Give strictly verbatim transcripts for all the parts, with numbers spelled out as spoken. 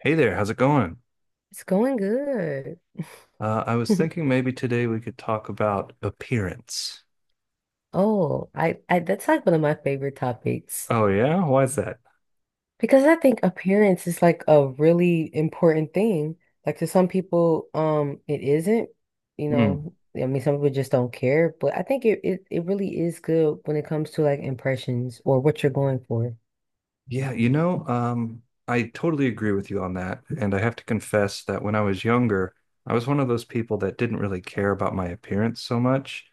Hey there, how's it going? It's going good. Uh, I was thinking maybe today we could talk about appearance. Oh, I, I that's like one of my favorite topics Oh yeah? Why is that? because I think appearance is like a really important thing. Like to some people, um, it isn't, you Hmm. know, I mean, some people just don't care, but I think it, it, it really is good when it comes to like impressions or what you're going for. Yeah, you know, um, I totally agree with you on that. And I have to confess that when I was younger, I was one of those people that didn't really care about my appearance so much.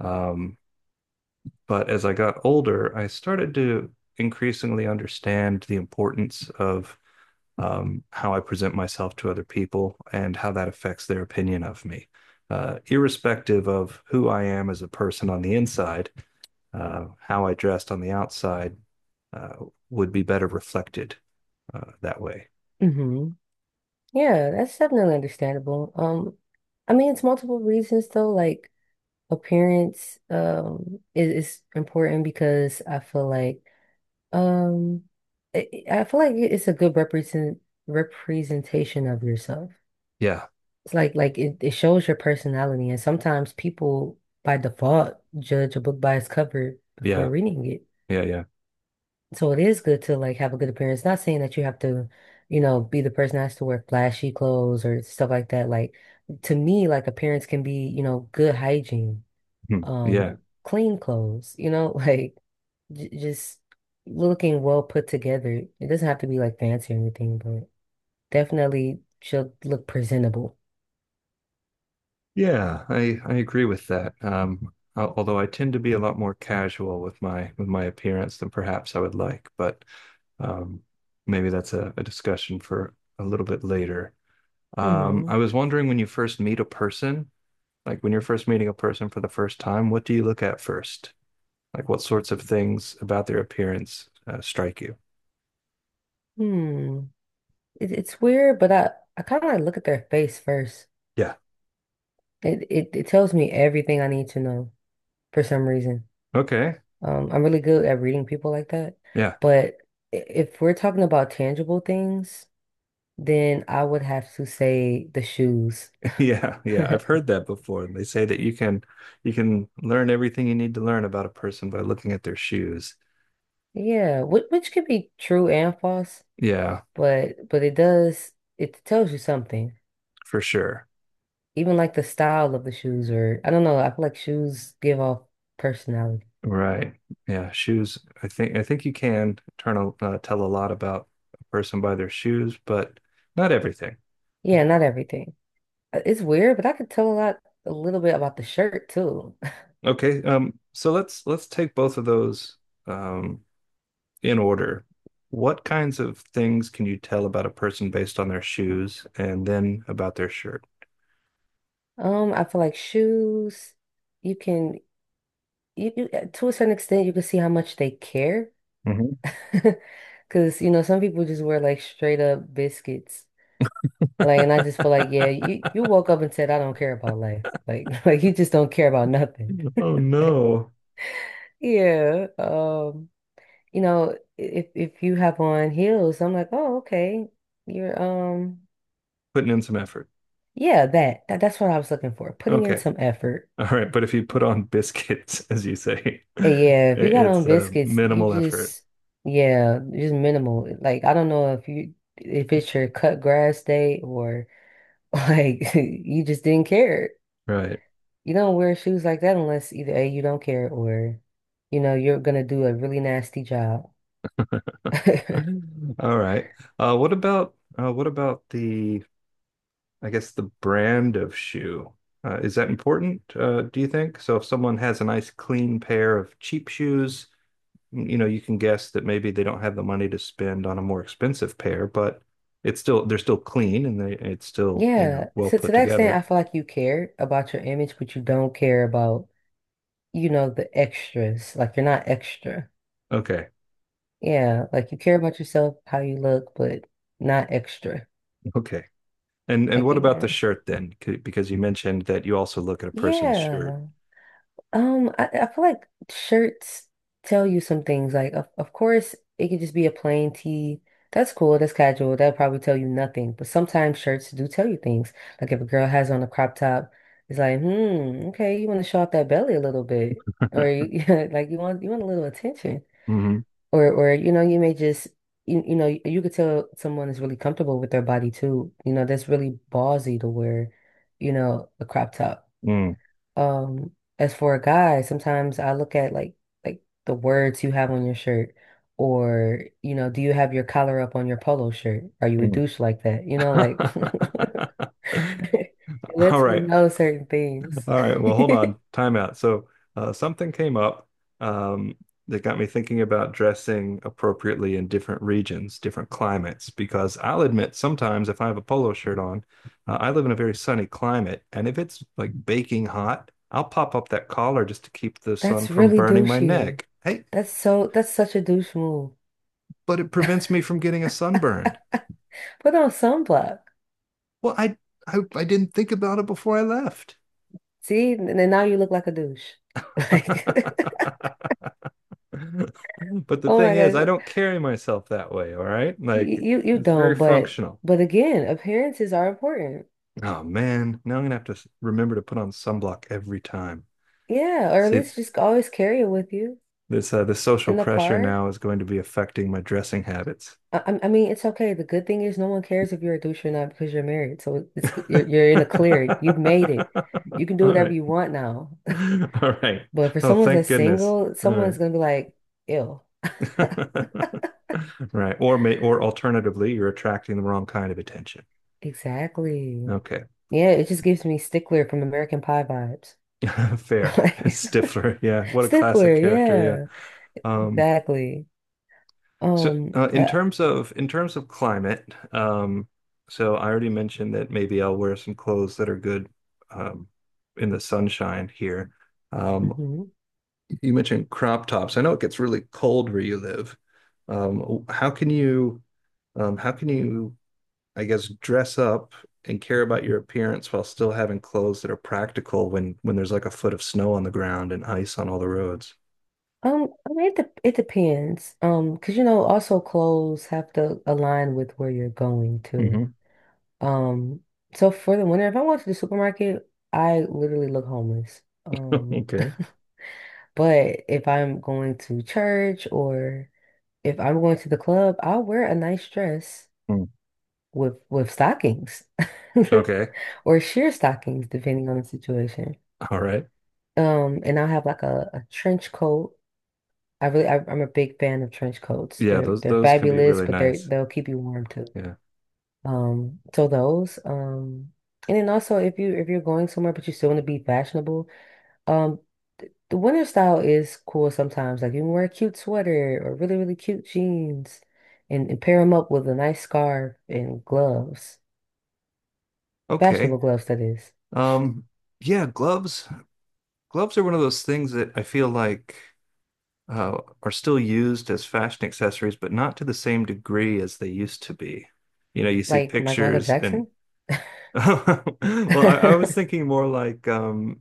Um, but as I got older, I started to increasingly understand the importance of um, how I present myself to other people and how that affects their opinion of me. Uh, irrespective of who I am as a person on the inside, uh, how I dressed on the outside uh, would be better reflected uh, that way. Hmm. Yeah, that's definitely understandable. Um, I mean, it's multiple reasons though, like appearance, um, is, is important because I feel like Um, I I feel like it's a good represent representation of yourself. Yeah, It's like like it, it shows your personality, and sometimes people by default judge a book by its cover before yeah, reading it. yeah, yeah. So it is good to like have a good appearance. Not saying that you have to, you know, be the person that has to wear flashy clothes or stuff like that. Like to me, like appearance can be, you know, good hygiene, Hmm. Yeah, um, clean clothes, you know, like j just looking well put together. It doesn't have to be like fancy or anything, but definitely she'll look presentable. yeah. I I agree with that. Um, al- although I tend to be a lot more casual with my with my appearance than perhaps I would like, but um, maybe that's a, a discussion for a little bit later. Um, hmm. I was wondering when you first meet a person, like when you're first meeting a person for the first time, what do you look at first? Like what sorts of things about their appearance uh, strike you? Hmm. It, it's weird, but I I kind of like look at their face first. Yeah. It, it it tells me everything I need to know for some reason. Okay. Um, I'm really good at reading people like that, Yeah. but i- if we're talking about tangible things, then I would have to say the shoes. Yeah. Yeah, I've heard that before. They say that you can you can learn everything you need to learn about a person by looking at their shoes. Yeah, which which could be true and false. Yeah, but but it does it tells you something. for sure. Even like the style of the shoes, or I don't know. I feel like shoes give off personality. Right. Yeah, shoes. I think I think you can turn a, uh, tell a lot about a person by their shoes, but not everything. Yeah, not everything. Uh, It's weird, but I could tell a lot, a little bit about the shirt too. Okay, um, so let's let's take both of those um, in order. What kinds of things can you tell about a person based on their shoes and then about their shirt? Um, I feel like shoes, you can you, you uh, to a certain extent you can see how much they care, Mhm. because you know some people just wear like straight up biscuits. Like, and I just feel like, yeah, you you woke up and said, I don't care about life. Like, like you just don't care about nothing. Oh no, Yeah, um, you know, if if you have on heels, I'm like, oh, okay. You're um putting in some effort. yeah, that, that that's what I was looking for. Putting in Okay, some effort. all right, but if you put on biscuits, as you say, i- And yeah, if you got on it's uh, biscuits, you minimal effort, just yeah, just minimal. Like I don't know if you if it's your cut grass day or like you just didn't care. right? You don't wear shoes like that unless either A, you don't care or you know, you're gonna do a really nasty job. All right. Uh, what about uh, what about the I guess the brand of shoe. Uh, is that important, uh, do you think? So if someone has a nice clean pair of cheap shoes, you know, you can guess that maybe they don't have the money to spend on a more expensive pair, but it's still they're still clean and they it's still, you know, Yeah, well to, put to that extent, together. I feel like you care about your image, but you don't care about, you know, the extras. Like you're not extra. Okay. Yeah, like you care about yourself, how you look, but not extra. Okay. And and Like what you about know. the shirt then? C- Because you mentioned that you also look at a person's shirt. Yeah. Um, I, I feel like shirts tell you some things. Like, of, of course, it could just be a plain tee. That's cool. That's casual. That'll probably tell you nothing. But sometimes shirts do tell you things. Like if a girl has on a crop top, it's like, hmm, okay, you want to show off that belly a little bit, or you, like you want you want a little attention, Mm-hmm. or or you know you may just you, you know you, you could tell someone is really comfortable with their body too. You know that's really ballsy to wear, you know, a crop top. Mm, Um, as for a guy, sometimes I look at like like the words you have on your shirt, or you know, do you have your collar up on your polo shirt? Are you a douche like that? You know, like mm. it All lets me right. know certain things. All right, well, hold on. Time out. So, uh, something came up um, that got me thinking about dressing appropriately in different regions, different climates, because I'll admit sometimes if I have a polo shirt on, uh, I live in a very sunny climate, and if it's like baking hot, I'll pop up that collar just to keep the sun That's from really burning my douchey. neck. Hey, That's so that's such a douche move. but it prevents me from getting a sunburn. Put on sunblock. Well, I I, I didn't think about it before I left. See, and then now you look like a douche. Like, But the oh thing my is, I gosh, don't carry myself that way, all right? you Like you you it's very not but functional. but again, appearances are important. Oh man, now I'm gonna have to s- remember to put on sunblock every time. Yeah, or at See, least just always carry it with you this uh, the social in the pressure car. now is going to be affecting my dressing habits. I, I I mean, it's okay. The good thing is no one cares if you're a douche or not because you're married. So it's g- All you're you're in a clear. You've made it. You can do whatever right. you want now. All right. But for Oh, someone thank that's goodness. single, All someone's gonna be like, "Ew." right. Right. Or may or alternatively, you're attracting the wrong kind of attention. Exactly. Okay. Yeah, it just gives me Stickler from American Pie vibes. Fair. Like Stifler. Yeah. What a classic Stickler, character. Yeah. yeah. Um Exactly. So, Um, uh, in uh, terms of in terms of climate, um, so I already mentioned that maybe I'll wear some clothes that are good um, in the sunshine here. Um, mhm. you mentioned crop tops. I know it gets really cold where you live. Um, how can you, um, how can you, I guess, dress up and care about your appearance while still having clothes that are practical when when there's like a foot of snow on the ground and ice on all the roads? Um, I mean, it, dep- it depends. Um, because you know, also clothes have to align with where you're going to. Mhm. Um, so for the winter, if I went to the supermarket, I literally look homeless. Um, Okay. but if I'm going to church or if I'm going to the club, I'll wear a nice dress Mm. with with stockings Okay. or sheer stockings, depending on the situation. All right. Um, and I'll have like a, a trench coat. I really, I, I'm a big fan of trench coats. Yeah, They're those they're those can be fabulous, really but they nice. they'll keep you warm too. Yeah. Um, so those, um, and then also if you if you're going somewhere but you still want to be fashionable, um, the winter style is cool sometimes. Like you can wear a cute sweater or really really cute jeans, and, and pair them up with a nice scarf and gloves, fashionable Okay. gloves that is, Um, yeah, gloves. Gloves are one of those things that I feel like uh, are still used as fashion accessories, but not to the same degree as they used to be. You know, you see like like Michael pictures and Jackson. well, I, I was thinking more like um,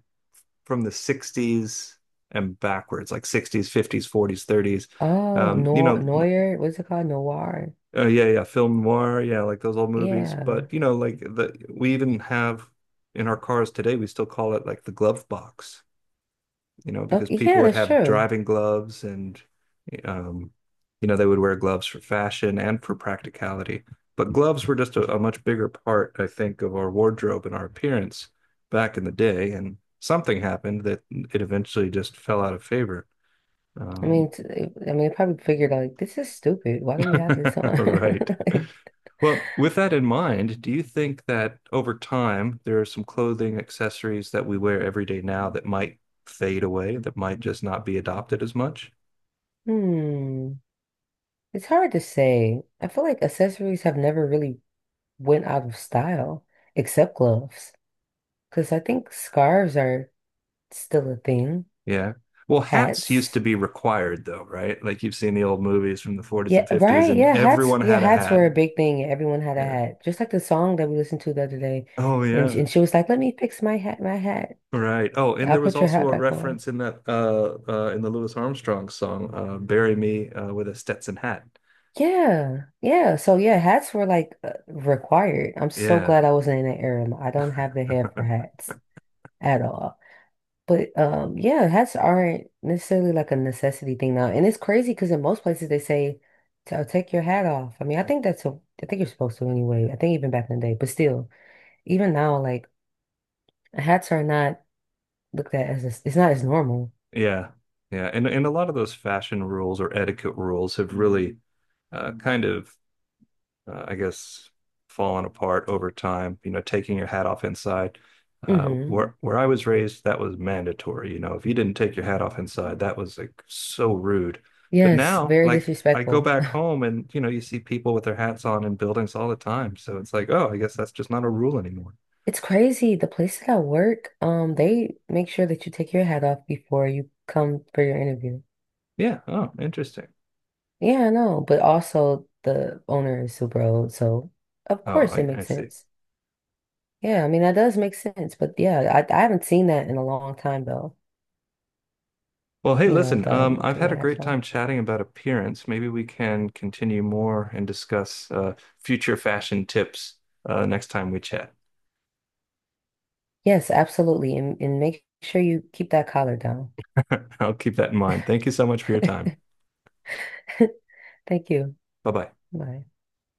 from the sixties and backwards, like sixties, fifties, forties, thirties. Oh, Um, you Noir, know, Noir, what's it called? Noir. Oh yeah, yeah, film noir, yeah, like those old movies. Yeah. But you know, like the we even have in our cars today, we still call it like the glove box, you know, because Okay, people yeah, would that's have true. driving gloves and um, you know, they would wear gloves for fashion and for practicality. But gloves were just a, a much bigger part, I think, of our wardrobe and our appearance back in the day. And something happened that it eventually just fell out of favor. I Um, mean, t- I mean, they probably figured out, like, this is stupid. Why do we have this on? right. Like, Well, with that in mind, do you think that over time there are some clothing accessories that we wear every day now that might fade away, that might just not be adopted as much? hmm. It's hard to say. I feel like accessories have never really went out of style, except gloves. Because I think scarves are still a thing. Yeah. Well, hats used to Hats. be required though, right? Like you've seen the old movies from the forties Yeah, and fifties, right. and Yeah, hats. everyone Yeah, had a hats hat. were a big thing. Everyone had a Yeah. hat. Just like the song that we listened to the other day. Oh And, sh- yeah. and she was like, let me fix my hat, my hat. Right. Oh, and I'll there was put your also hat a back. reference in that uh uh in the Louis Armstrong song, uh, Bury Me uh, with a Stetson hat. Yeah, yeah. So yeah, hats were like uh, required. I'm so Yeah. glad I wasn't in that era. I don't have the hair for hats at all. But um, yeah, hats aren't necessarily like a necessity thing now. And it's crazy because in most places they say, "So take your hat off." I mean, I think that's a, I think you're supposed to anyway. I think even back in the day, but still, even now, like hats are not looked at as a, it's not as normal. Yeah. Yeah. And and a lot of those fashion rules or etiquette rules have really uh, kind of uh, I guess fallen apart over time, you know, taking your hat off inside. Uh, hmm. Where where I was raised, that was mandatory. You know, if you didn't take your hat off inside, that was like so rude. But Yes, now, very like I go disrespectful. back home and you know, you see people with their hats on in buildings all the time. So it's like, oh, I guess that's just not a rule anymore. It's crazy. The places I work, um, they make sure that you take your hat off before you come for your interview. Yeah. Oh, interesting. Yeah, I know. But also the owner is super old, so of Oh, course it I, I makes see. sense. Yeah, I mean that does make sense. But yeah, I, I haven't seen that in a long time though. Well, hey, You know, listen, the um, I've taking had a your hats great off. time chatting about appearance. Maybe we can continue more and discuss uh, future fashion tips uh, next time we chat. Yes, absolutely. And and make sure you keep that collar down. I'll keep that in mind. Thank you so much for your time. Thank you. Bye bye. Bye.